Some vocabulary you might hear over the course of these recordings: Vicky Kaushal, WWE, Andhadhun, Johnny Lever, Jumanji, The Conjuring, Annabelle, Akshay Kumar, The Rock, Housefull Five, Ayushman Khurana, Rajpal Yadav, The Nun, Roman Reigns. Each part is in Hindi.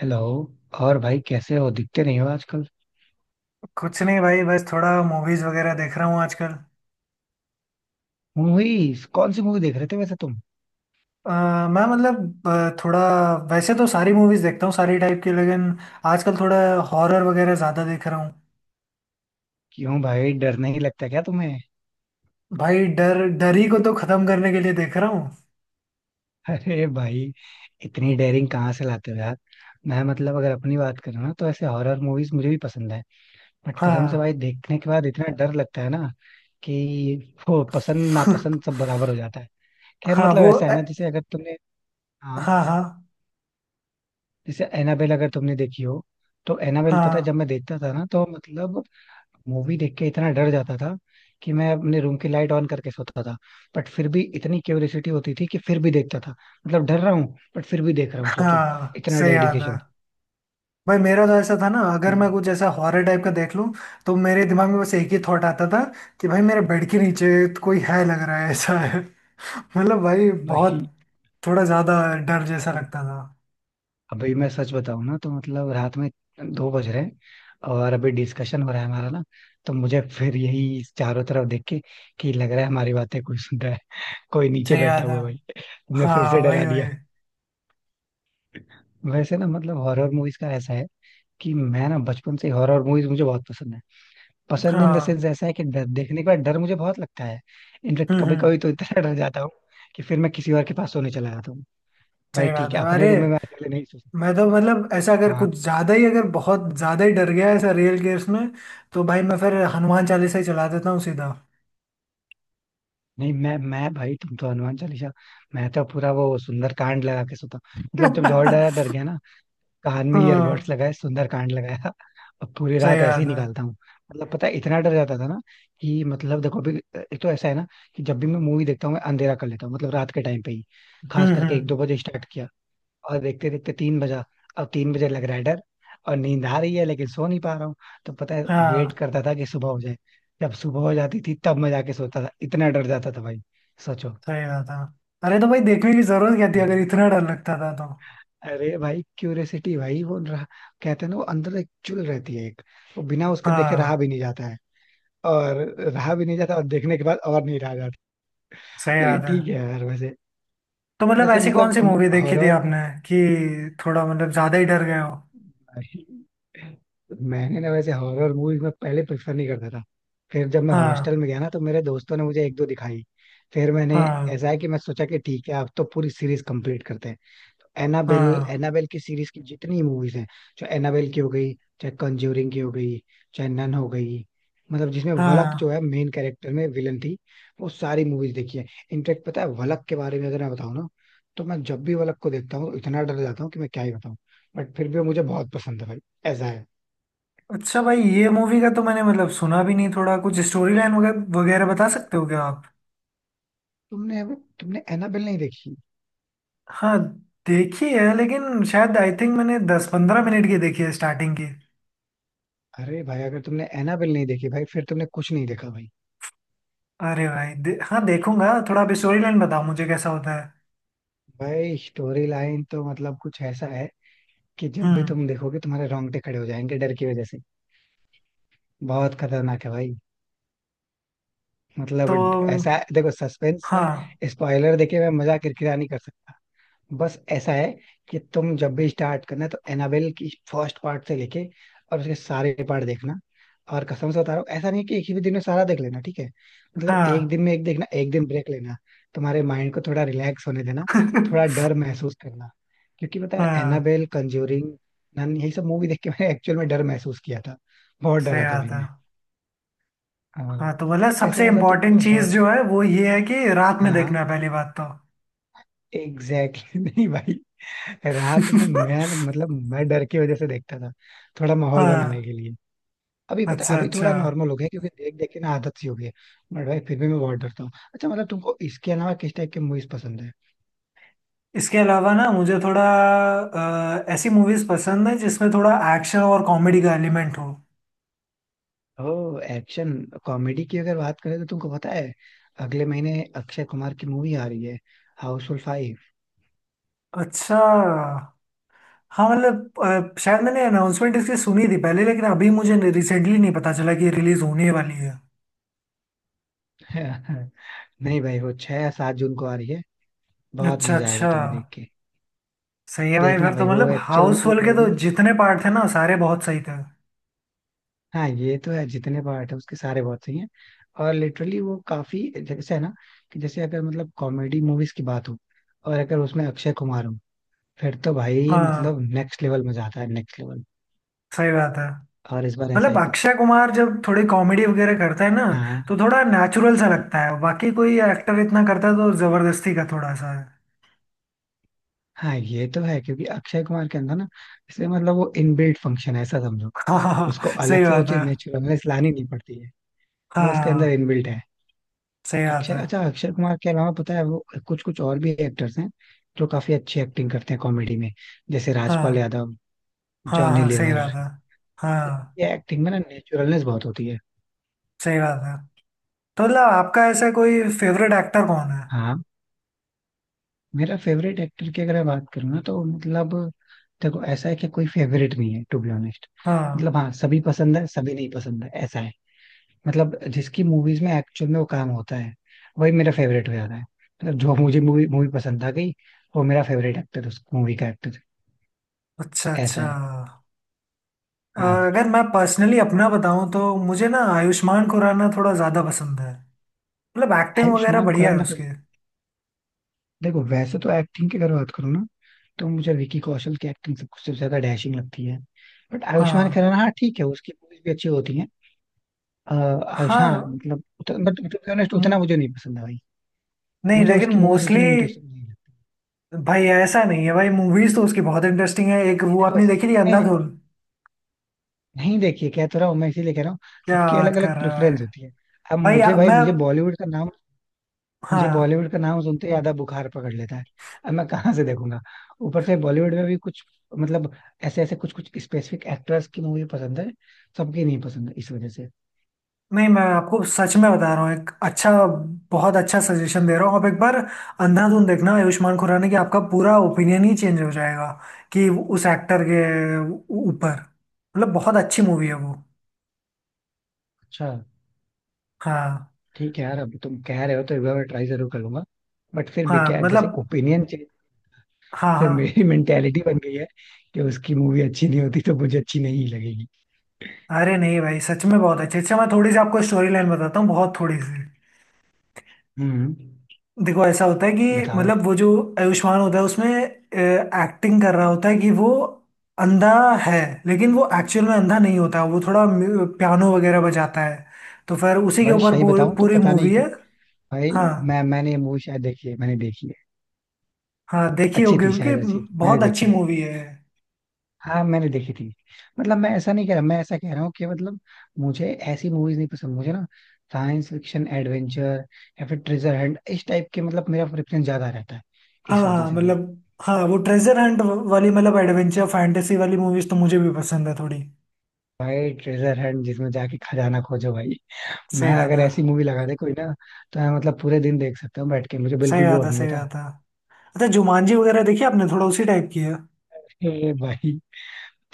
हेलो। और भाई कैसे हो? दिखते नहीं हो आजकल। कुछ नहीं भाई। बस थोड़ा मूवीज वगैरह देख रहा हूँ आजकल। मूवीज कौन सी मूवी देख रहे थे वैसे तुम? अ, मैं मतलब थोड़ा वैसे तो सारी मूवीज देखता हूँ सारी टाइप की, लेकिन आजकल थोड़ा हॉरर वगैरह ज्यादा देख रहा हूँ। क्यों भाई, डर नहीं लगता क्या तुम्हें? भाई डर, डर ही को तो खत्म करने के लिए देख रहा हूँ। अरे भाई, इतनी डेयरिंग कहाँ से लाते हो यार? मैं, मतलब, अगर अपनी बात करूँ ना, तो ऐसे हॉरर मूवीज मुझे भी पसंद है। बट कसम से हाँ। भाई, देखने के बाद इतना डर लगता है ना, कि वो पसंद नापसंद सब बराबर हो जाता है। खैर, हाँ मतलब वो ऐसा है ना, जैसे अगर तुमने, हाँ, हाँ हाँ। जैसे एनाबेल अगर तुमने देखी हो, तो एनाबेल पता है जब हाँ। मैं देखता था ना, तो मतलब मूवी देख के इतना डर जाता था कि मैं अपने रूम की लाइट ऑन करके सोता था। बट फिर भी इतनी क्यूरियोसिटी होती थी कि फिर भी देखता था। मतलब डर रहा हूँ, बट फिर भी देख रहा हूँ, सोचो। हाँ, इतना सही याद डेडिकेशन है। भाई मेरा तो ऐसा था ना, अगर मैं कुछ ऐसा हॉरर टाइप का देख लूं तो मेरे दिमाग में बस एक ही थॉट आता था कि भाई मेरे बेड के नीचे तो कोई है, लग रहा है ऐसा है। मतलब भाई बहुत भाई। थोड़ा ज्यादा डर जैसा अब लगता था। अभी मैं सच बताऊं ना, तो मतलब रात में 2 बज रहे हैं, और अभी डिस्कशन हो रहा है हमारा ना, तो मुझे फिर यही, चारों तरफ देख के, कि लग रहा है हमारी बातें कोई सुन रहा है, कोई नीचे सही बैठा बात है। हुआ है भाई। तुमने फिर से हाँ वही डरा दिया। वही। वैसे ना, मतलब हॉरर मूवीज का ऐसा है कि मैं ना बचपन से, हॉरर मूवीज मुझे बहुत पसंद है। पसंद इन द हाँ। सेंस ऐसा है कि डर, देखने के बाद डर मुझे बहुत लगता है। इनफेक्ट हम्म। कभी हम्म। कभी तो इतना डर जाता हूँ कि फिर मैं किसी और के पास सोने चला जाता हूँ। भाई सही बात ठीक है, है। अपने अरे रूम में मैं अकेले नहीं सो सकता। मैं तो मतलब ऐसा, अगर हाँ, कुछ ज्यादा ही अगर बहुत ज्यादा ही डर गया ऐसा रियल केस में तो भाई मैं फिर हनुमान चालीसा ही चला देता हूँ सीधा। नहीं मैं भाई, तुम तो हनुमान चालीसा, मैं तो पूरा वो सुंदर कांड लगा के सोता हूँ। मतलब जब और डरा, डर गया ना, कान में ईयरबड्स हाँ, लगाए, सुंदर कांड लगाया, और पूरी सही रात ऐसे ही बात है। निकालता हूँ। मतलब पता है इतना डर जाता था ना, कि मतलब देखो अभी, एक तो ऐसा है ना कि जब भी मैं मूवी देखता हूँ मैं अंधेरा कर लेता हूँ, मतलब रात के टाइम पे ही, खास हम्म। करके एक हम्म। दो बजे स्टार्ट किया, और देखते देखते 3 बजा। अब 3 बजे लग रहा है डर, और नींद आ रही है लेकिन सो नहीं पा रहा हूँ, तो पता है वेट हाँ, करता था कि सुबह हो जाए। जब सुबह हो जाती थी तब मैं जाके सोता था, इतना डर जाता था भाई, सोचो। सही बात है। अरे तो भाई देखने की जरूरत क्या थी अगर हम्म। इतना डर लगता था तो? अरे भाई, क्यूरियसिटी भाई, वो रहा, कहते हैं ना, वो अंदर एक चुल रहती है, एक, वो बिना उसके देखे रहा हाँ, भी नहीं जाता है, और रहा भी नहीं जाता और देखने के बाद और नहीं रहा जाता। सही लेकिन बात है। ठीक है यार। वैसे, तो मतलब वैसे ऐसी कौन मतलब सी मूवी देखी थी हॉरर, आपने कि थोड़ा मतलब ज्यादा ही डर गए हो? भाई, मैंने ना वैसे हॉरर मूवीज में पहले प्रेफर नहीं करता था। फिर जब मैं हॉस्टल हाँ में गया ना तो मेरे दोस्तों ने मुझे एक दो दिखाई, फिर मैंने, हाँ। ऐसा है कि मैं सोचा कि ठीक है अब तो पूरी सीरीज कंप्लीट करते हैं। एनाबेल, हाँ। एनाबेल की सीरीज की जितनी मूवीज हैं, चाहे एनाबेल की हो गई, चाहे कंज्यूरिंग की हो गई, चाहे नन हो गई, मतलब जिसमें वलक जो हाँ। है मेन कैरेक्टर में विलन थी, वो सारी मूवीज देखी है। इनफेक्ट पता है वलक के बारे में अगर मैं बताऊं ना, तो मैं जब भी वलक को देखता हूँ तो इतना डर जाता हूँ कि मैं क्या ही बताऊं। बट फिर भी वो मुझे बहुत पसंद है भाई, ऐसा है। अच्छा भाई, ये मूवी का तो मैंने मतलब सुना भी नहीं, थोड़ा कुछ स्टोरी लाइन वगैरह वगैरह बता सकते हो क्या आप? तुमने तुमने एनाबेल नहीं देखी? हाँ, देखी है लेकिन शायद आई थिंक मैंने 10-15 मिनट की देखी है, स्टार्टिंग की। अरे भाई अगर तुमने एनाबेल नहीं देखी भाई, फिर तुमने कुछ नहीं देखा भाई। अरे भाई हाँ देखूंगा, थोड़ा आप स्टोरी लाइन बताओ मुझे कैसा होता है। भाई स्टोरी लाइन तो मतलब कुछ ऐसा है कि जब भी हम्म। तुम देखोगे तुम्हारे रोंगटे खड़े हो जाएंगे डर की वजह से। बहुत खतरनाक है भाई। तो मतलब ऐसा देखो, सस्पेंस में हाँ। स्पॉइलर देके मैं मजाक किरकिरा नहीं कर सकता। बस ऐसा है कि तुम जब भी स्टार्ट करना है तो एनाबेल की फर्स्ट पार्ट से लेके और उसके सारे पार्ट देखना। और कसम से बता रहा हूँ, ऐसा नहीं है कि एक ही दिन में सारा देख लेना, ठीक है? मतलब एक हाँ। दिन में एक देखना, एक दिन ब्रेक लेना, तुम्हारे माइंड को थोड़ा रिलैक्स होने देना, थोड़ा डर महसूस करना। क्योंकि पता है हाँ, एनाबेल, कंज्यूरिंग, नन, यही सब मूवी देख के मैंने एक्चुअल में डर महसूस किया था। बहुत सही डरा था बात भाई है। मैं। हाँ। हाँ तो बोला वैसे सबसे मतलब इम्पोर्टेंट तुमको चीज हॉरर, जो है वो ये है कि रात में हाँ देखना हाँ, है, पहली बात तो। एग्जैक्टली। नहीं भाई, रात में मैं तो, मतलब मैं डर की वजह से देखता था, थोड़ा माहौल हाँ। बनाने के लिए। अभी पता है, अच्छा, अभी अच्छा। थोड़ा नॉर्मल हो गया क्योंकि देख देख के ना आदत सी हो गई है। बट भाई फिर भी मैं बहुत डरता हूँ। अच्छा, मतलब तुमको इसके अलावा किस टाइप की मूवीज पसंद है? इसके अलावा ना मुझे थोड़ा ऐसी मूवीज पसंद है जिसमें थोड़ा एक्शन और कॉमेडी का एलिमेंट हो। ओ, एक्शन कॉमेडी की अगर बात करें तो, तुमको पता है अगले महीने अक्षय कुमार की मूवी आ रही है, हाउसफुल 5। अच्छा। हाँ मतलब शायद मैंने अनाउंसमेंट इसकी सुनी थी पहले लेकिन अभी मुझे रिसेंटली नहीं पता चला कि रिलीज होने वाली है। नहीं भाई, वो 6 या 7 जून को आ रही है। बहुत अच्छा, मजा आएगा अच्छा। तुम्हें देख के। सही है भाई, देखना फिर तो भाई, वो मतलब एक्चुअल में हाउस वो होल्ड के तो मूवी, जितने पार्ट थे ना सारे बहुत सही थे। हाँ ये तो है, जितने पार्ट है उसके सारे बहुत सही हैं। और लिटरली वो काफी, जैसे है ना, कि जैसे अगर, मतलब कॉमेडी मूवीज की बात हो और अगर उसमें अक्षय कुमार हो, फिर तो भाई हाँ, मतलब नेक्स्ट लेवल मजा आता है, नेक्स्ट लेवल। सही बात है। और इस बार ऐसा मतलब ही कुछ है। अक्षय कुमार जब थोड़ी कॉमेडी वगैरह करता है ना हाँ, तो थोड़ा नेचुरल सा लगता है, बाकी कोई एक्टर इतना करता है तो जबरदस्ती का थोड़ा सा है। हाँ ये तो है क्योंकि अक्षय कुमार के अंदर ना, इसलिए, मतलब वो इनबिल्ट फंक्शन है, ऐसा समझो। हाँ हाँ उसको हाँ, अलग सही से वो बात चीज है। नेचुरल लानी नहीं पड़ती है, वो उसके अंदर हाँ, इनबिल्ट है। सही बात अक्षय है। अच्छा, अक्षय कुमार के अलावा पता है वो कुछ कुछ और भी एक्टर्स हैं जो काफी अच्छी एक्टिंग करते हैं कॉमेडी में। जैसे राजपाल हाँ यादव, हाँ जॉनी हाँ, सही लीवर। बात है। हाँ, ये एक्टिंग में ना नेचुरलनेस बहुत होती है। सही बात है। तो मतलब आपका ऐसा कोई फेवरेट एक्टर कौन है? हाँ। मेरा फेवरेट एक्टर की अगर मैं बात करूँ ना, तो मतलब देखो ऐसा है कि कोई फेवरेट नहीं है टू बी ऑनेस्ट। हाँ। मतलब हाँ, सभी पसंद है, सभी नहीं पसंद है, ऐसा है। मतलब जिसकी मूवीज में एक्चुअल में वो काम होता है वही मेरा फेवरेट हो जाता है, मतलब जो मुझे मूवी, मूवी पसंद आ गई, वो मेरा फेवरेट एक्टर, उस मूवी का एक्टर, अच्छा, ऐसा अच्छा। है। अ, हाँ, अगर मैं पर्सनली अपना बताऊं तो मुझे ना आयुष्मान खुराना थोड़ा ज़्यादा पसंद है। मतलब एक्टिंग वगैरह आयुष्मान बढ़िया है खुराना। उसके। देखो वैसे तो एक्टिंग की अगर बात करूँ ना, तो मुझे विकी कौशल की एक्टिंग सब सबसे ज्यादा डैशिंग लगती है। बट आयुष्मान हाँ। खुराना, हाँ ठीक है, उसकी मूवीज भी अच्छी होती हैं। अ, आयुष हाँ, हाँ। मतलब, बट टू बी ऑनेस्ट उतना म- मुझे नहीं पसंद है भाई। नहीं मुझे लेकिन उसकी मूवीज मोस्टली उतनी इंटरेस्टिंग नहीं लगती। भाई ऐसा नहीं है, भाई मूवीज तो उसकी बहुत इंटरेस्टिंग है। एक नहीं, वो देखो, आपने देखी थी नहीं नहीं, अंधाधुन? नहीं देखिए, कह तो रहा हूँ मैं, इसीलिए कह रहा हूँ, क्या सबकी बात अलग कर अलग रहा है? प्रेफरेंस होती है। अब भाई मुझे भाई, मैं। मुझे हाँ। बॉलीवुड का नाम सुनते ही आधा बुखार पकड़ लेता है, अब मैं कहाँ से देखूंगा? ऊपर से बॉलीवुड में भी कुछ, मतलब ऐसे ऐसे कुछ कुछ स्पेसिफिक एक्टर्स की मूवी पसंद है, सबकी नहीं पसंद है इस वजह से। नहीं, मैं आपको सच में बता रहा हूँ, एक अच्छा बहुत अच्छा सजेशन दे रहा हूँ आप एक बार अंधाधुन देखना आयुष्मान खुराना की, आपका पूरा ओपिनियन ही चेंज हो जाएगा कि उस एक्टर के ऊपर। मतलब बहुत अच्छी मूवी है वो। अच्छा, हाँ। ठीक है यार, अब तुम कह रहे हो तो एक बार मैं ट्राई जरूर करूंगा। बट फिर हाँ भी क्या है, जैसे मतलब। ओपिनियन चेंज हाँ। से हाँ। मेरी मेंटेलिटी बन गई है कि उसकी मूवी अच्छी नहीं होती तो मुझे अच्छी नहीं लगेगी। अरे नहीं भाई सच में बहुत अच्छी। अच्छा, मैं थोड़ी सी आपको स्टोरी लाइन बताता हूँ, बहुत थोड़ी सी। हम्म देखो ऐसा होता है कि बताओ। मतलब वो जो आयुष्मान होता है उसमें एक्टिंग कर रहा होता है कि वो अंधा है, लेकिन वो एक्चुअल में अंधा नहीं होता, वो थोड़ा पियानो वगैरह बजाता है, तो फिर उसी के भाई ऊपर सही बताऊं तो पूरी पता नहीं मूवी कि, है। भाई, हाँ। मैंने ये मूवी शायद देखी है, मैंने देखी है। हाँ, देखी होगी अच्छी थी, क्योंकि शायद अच्छी थी, मैंने बहुत अच्छी देखी है। मूवी है। हाँ, मैंने देखी थी। मतलब मैं ऐसा नहीं कह रहा, मैं ऐसा कह रहा हूँ कि मतलब मुझे ऐसी मूवीज नहीं पसंद। मुझे ना साइंस फिक्शन, एडवेंचर, या फिर ट्रेजर हंट, इस टाइप के मतलब मेरा प्रेफरेंस ज्यादा रहता है, हाँ। इस वजह हाँ से भाई। मतलब। हाँ वो ट्रेजर हंट वाली, मतलब एडवेंचर फैंटेसी वाली मूवीज तो मुझे भी पसंद है थोड़ी। भाई ट्रेजर हंट, जिसमें जाके खजाना खोजो भाई, सही मैं बात अगर है। ऐसी मूवी लगा दे कोई ना, तो मैं मतलब पूरे दिन देख सकता हूँ बैठ के, मुझे सही बिल्कुल बात बोर है। नहीं सही होता। बात है। अच्छा, जुमानजी वगैरह देखी आपने? थोड़ा उसी टाइप की है। अरे भाई,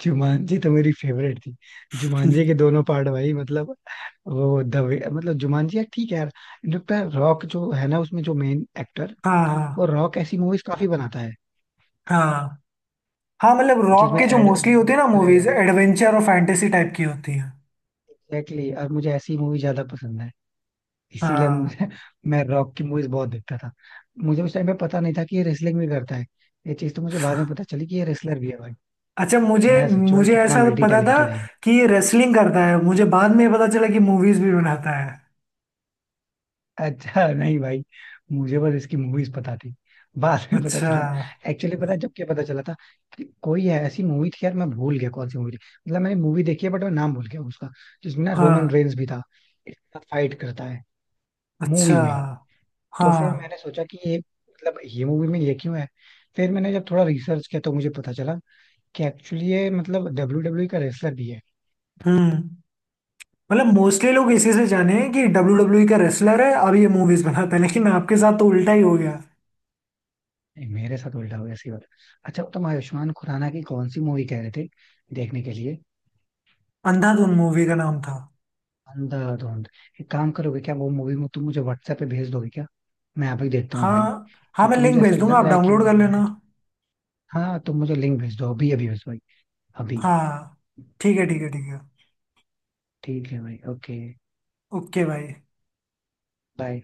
जुमानजी तो मेरी फेवरेट थी, जुमानजी के दोनों पार्ट भाई, मतलब, वो दवे, मतलब जुमानजी यार, ठीक है यार। इनफैक्ट यार रॉक जो है ना, उसमें जो मेन एक्टर, हाँ वो हाँ। रॉक ऐसी मूवीज काफी बनाता है, हाँ। हाँ मतलब रॉक जिसमें के जो एड, मोस्टली होते हैं ना मूवीज एडवेंचर और फैंटेसी टाइप की होती है। एग्जैक्टली, और मुझे ऐसी मूवी ज्यादा पसंद है, इसीलिए हाँ। मुझे, मैं रॉक की मूवीज बहुत देखता था। मुझे उस टाइम पे पता नहीं था कि ये रेसलिंग भी करता है, ये चीज तो मुझे बाद में पता चली कि ये रेसलर भी है भाई। अच्छा मुझे मैं सोचू भाई, मुझे कितना ऐसा मल्टी पता था टैलेंटेड है। कि ये रेसलिंग करता है, मुझे बाद में पता चला कि मूवीज भी बनाता है। अच्छा नहीं भाई, मुझे बस इसकी मूवीज पता थी, बाद में पता अच्छा। चला। एक्चुअली पता है जब क्या पता चला था, कि कोई है ऐसी मूवी थी यार, मैं भूल गया कौन सी मूवी थी, मतलब मैंने मूवी देखी है बट मैं नाम भूल गया उसका, जिसमें ना रोमन हाँ। रेंस भी था, इसके साथ फाइट करता है अच्छा। मूवी में। हाँ। तो फिर मैंने सोचा कि ये, मतलब ये मूवी में ये क्यों है, फिर मैंने जब थोड़ा रिसर्च किया तो मुझे पता चला कि एक्चुअली ये, मतलब WW का रेसलर भी है। हम्म। मतलब मोस्टली लोग इसी से जाने हैं कि WW का रेसलर है, अब ये मूवीज बनाता है, लेकिन आपके साथ तो उल्टा ही हो गया। नहीं, मेरे साथ उल्टा हो गया, सी बात। अच्छा तुम आयुष्मान खुराना की कौन सी मूवी कह रहे थे देखने के लिए? अंधाधुन मूवी का नाम था। अंधाधुंध। एक काम करोगे क्या, वो मूवी में तुम मुझे व्हाट्सएप पे भेज दोगे क्या? मैं अभी देखता हूँ भाई, हाँ। हाँ, मैं क्योंकि लिंक मुझे ऐसा भेज दूंगा लग आप रहा है कि डाउनलोड वो कर लेना। movie-, हाँ तुम मुझे लिंक भेज दो, अभी, अभी भेज दो भाई, अभी। हाँ। ठीक है ठीक है ठीक है। ठीक है भाई, ओके। ओके भाई। बाय।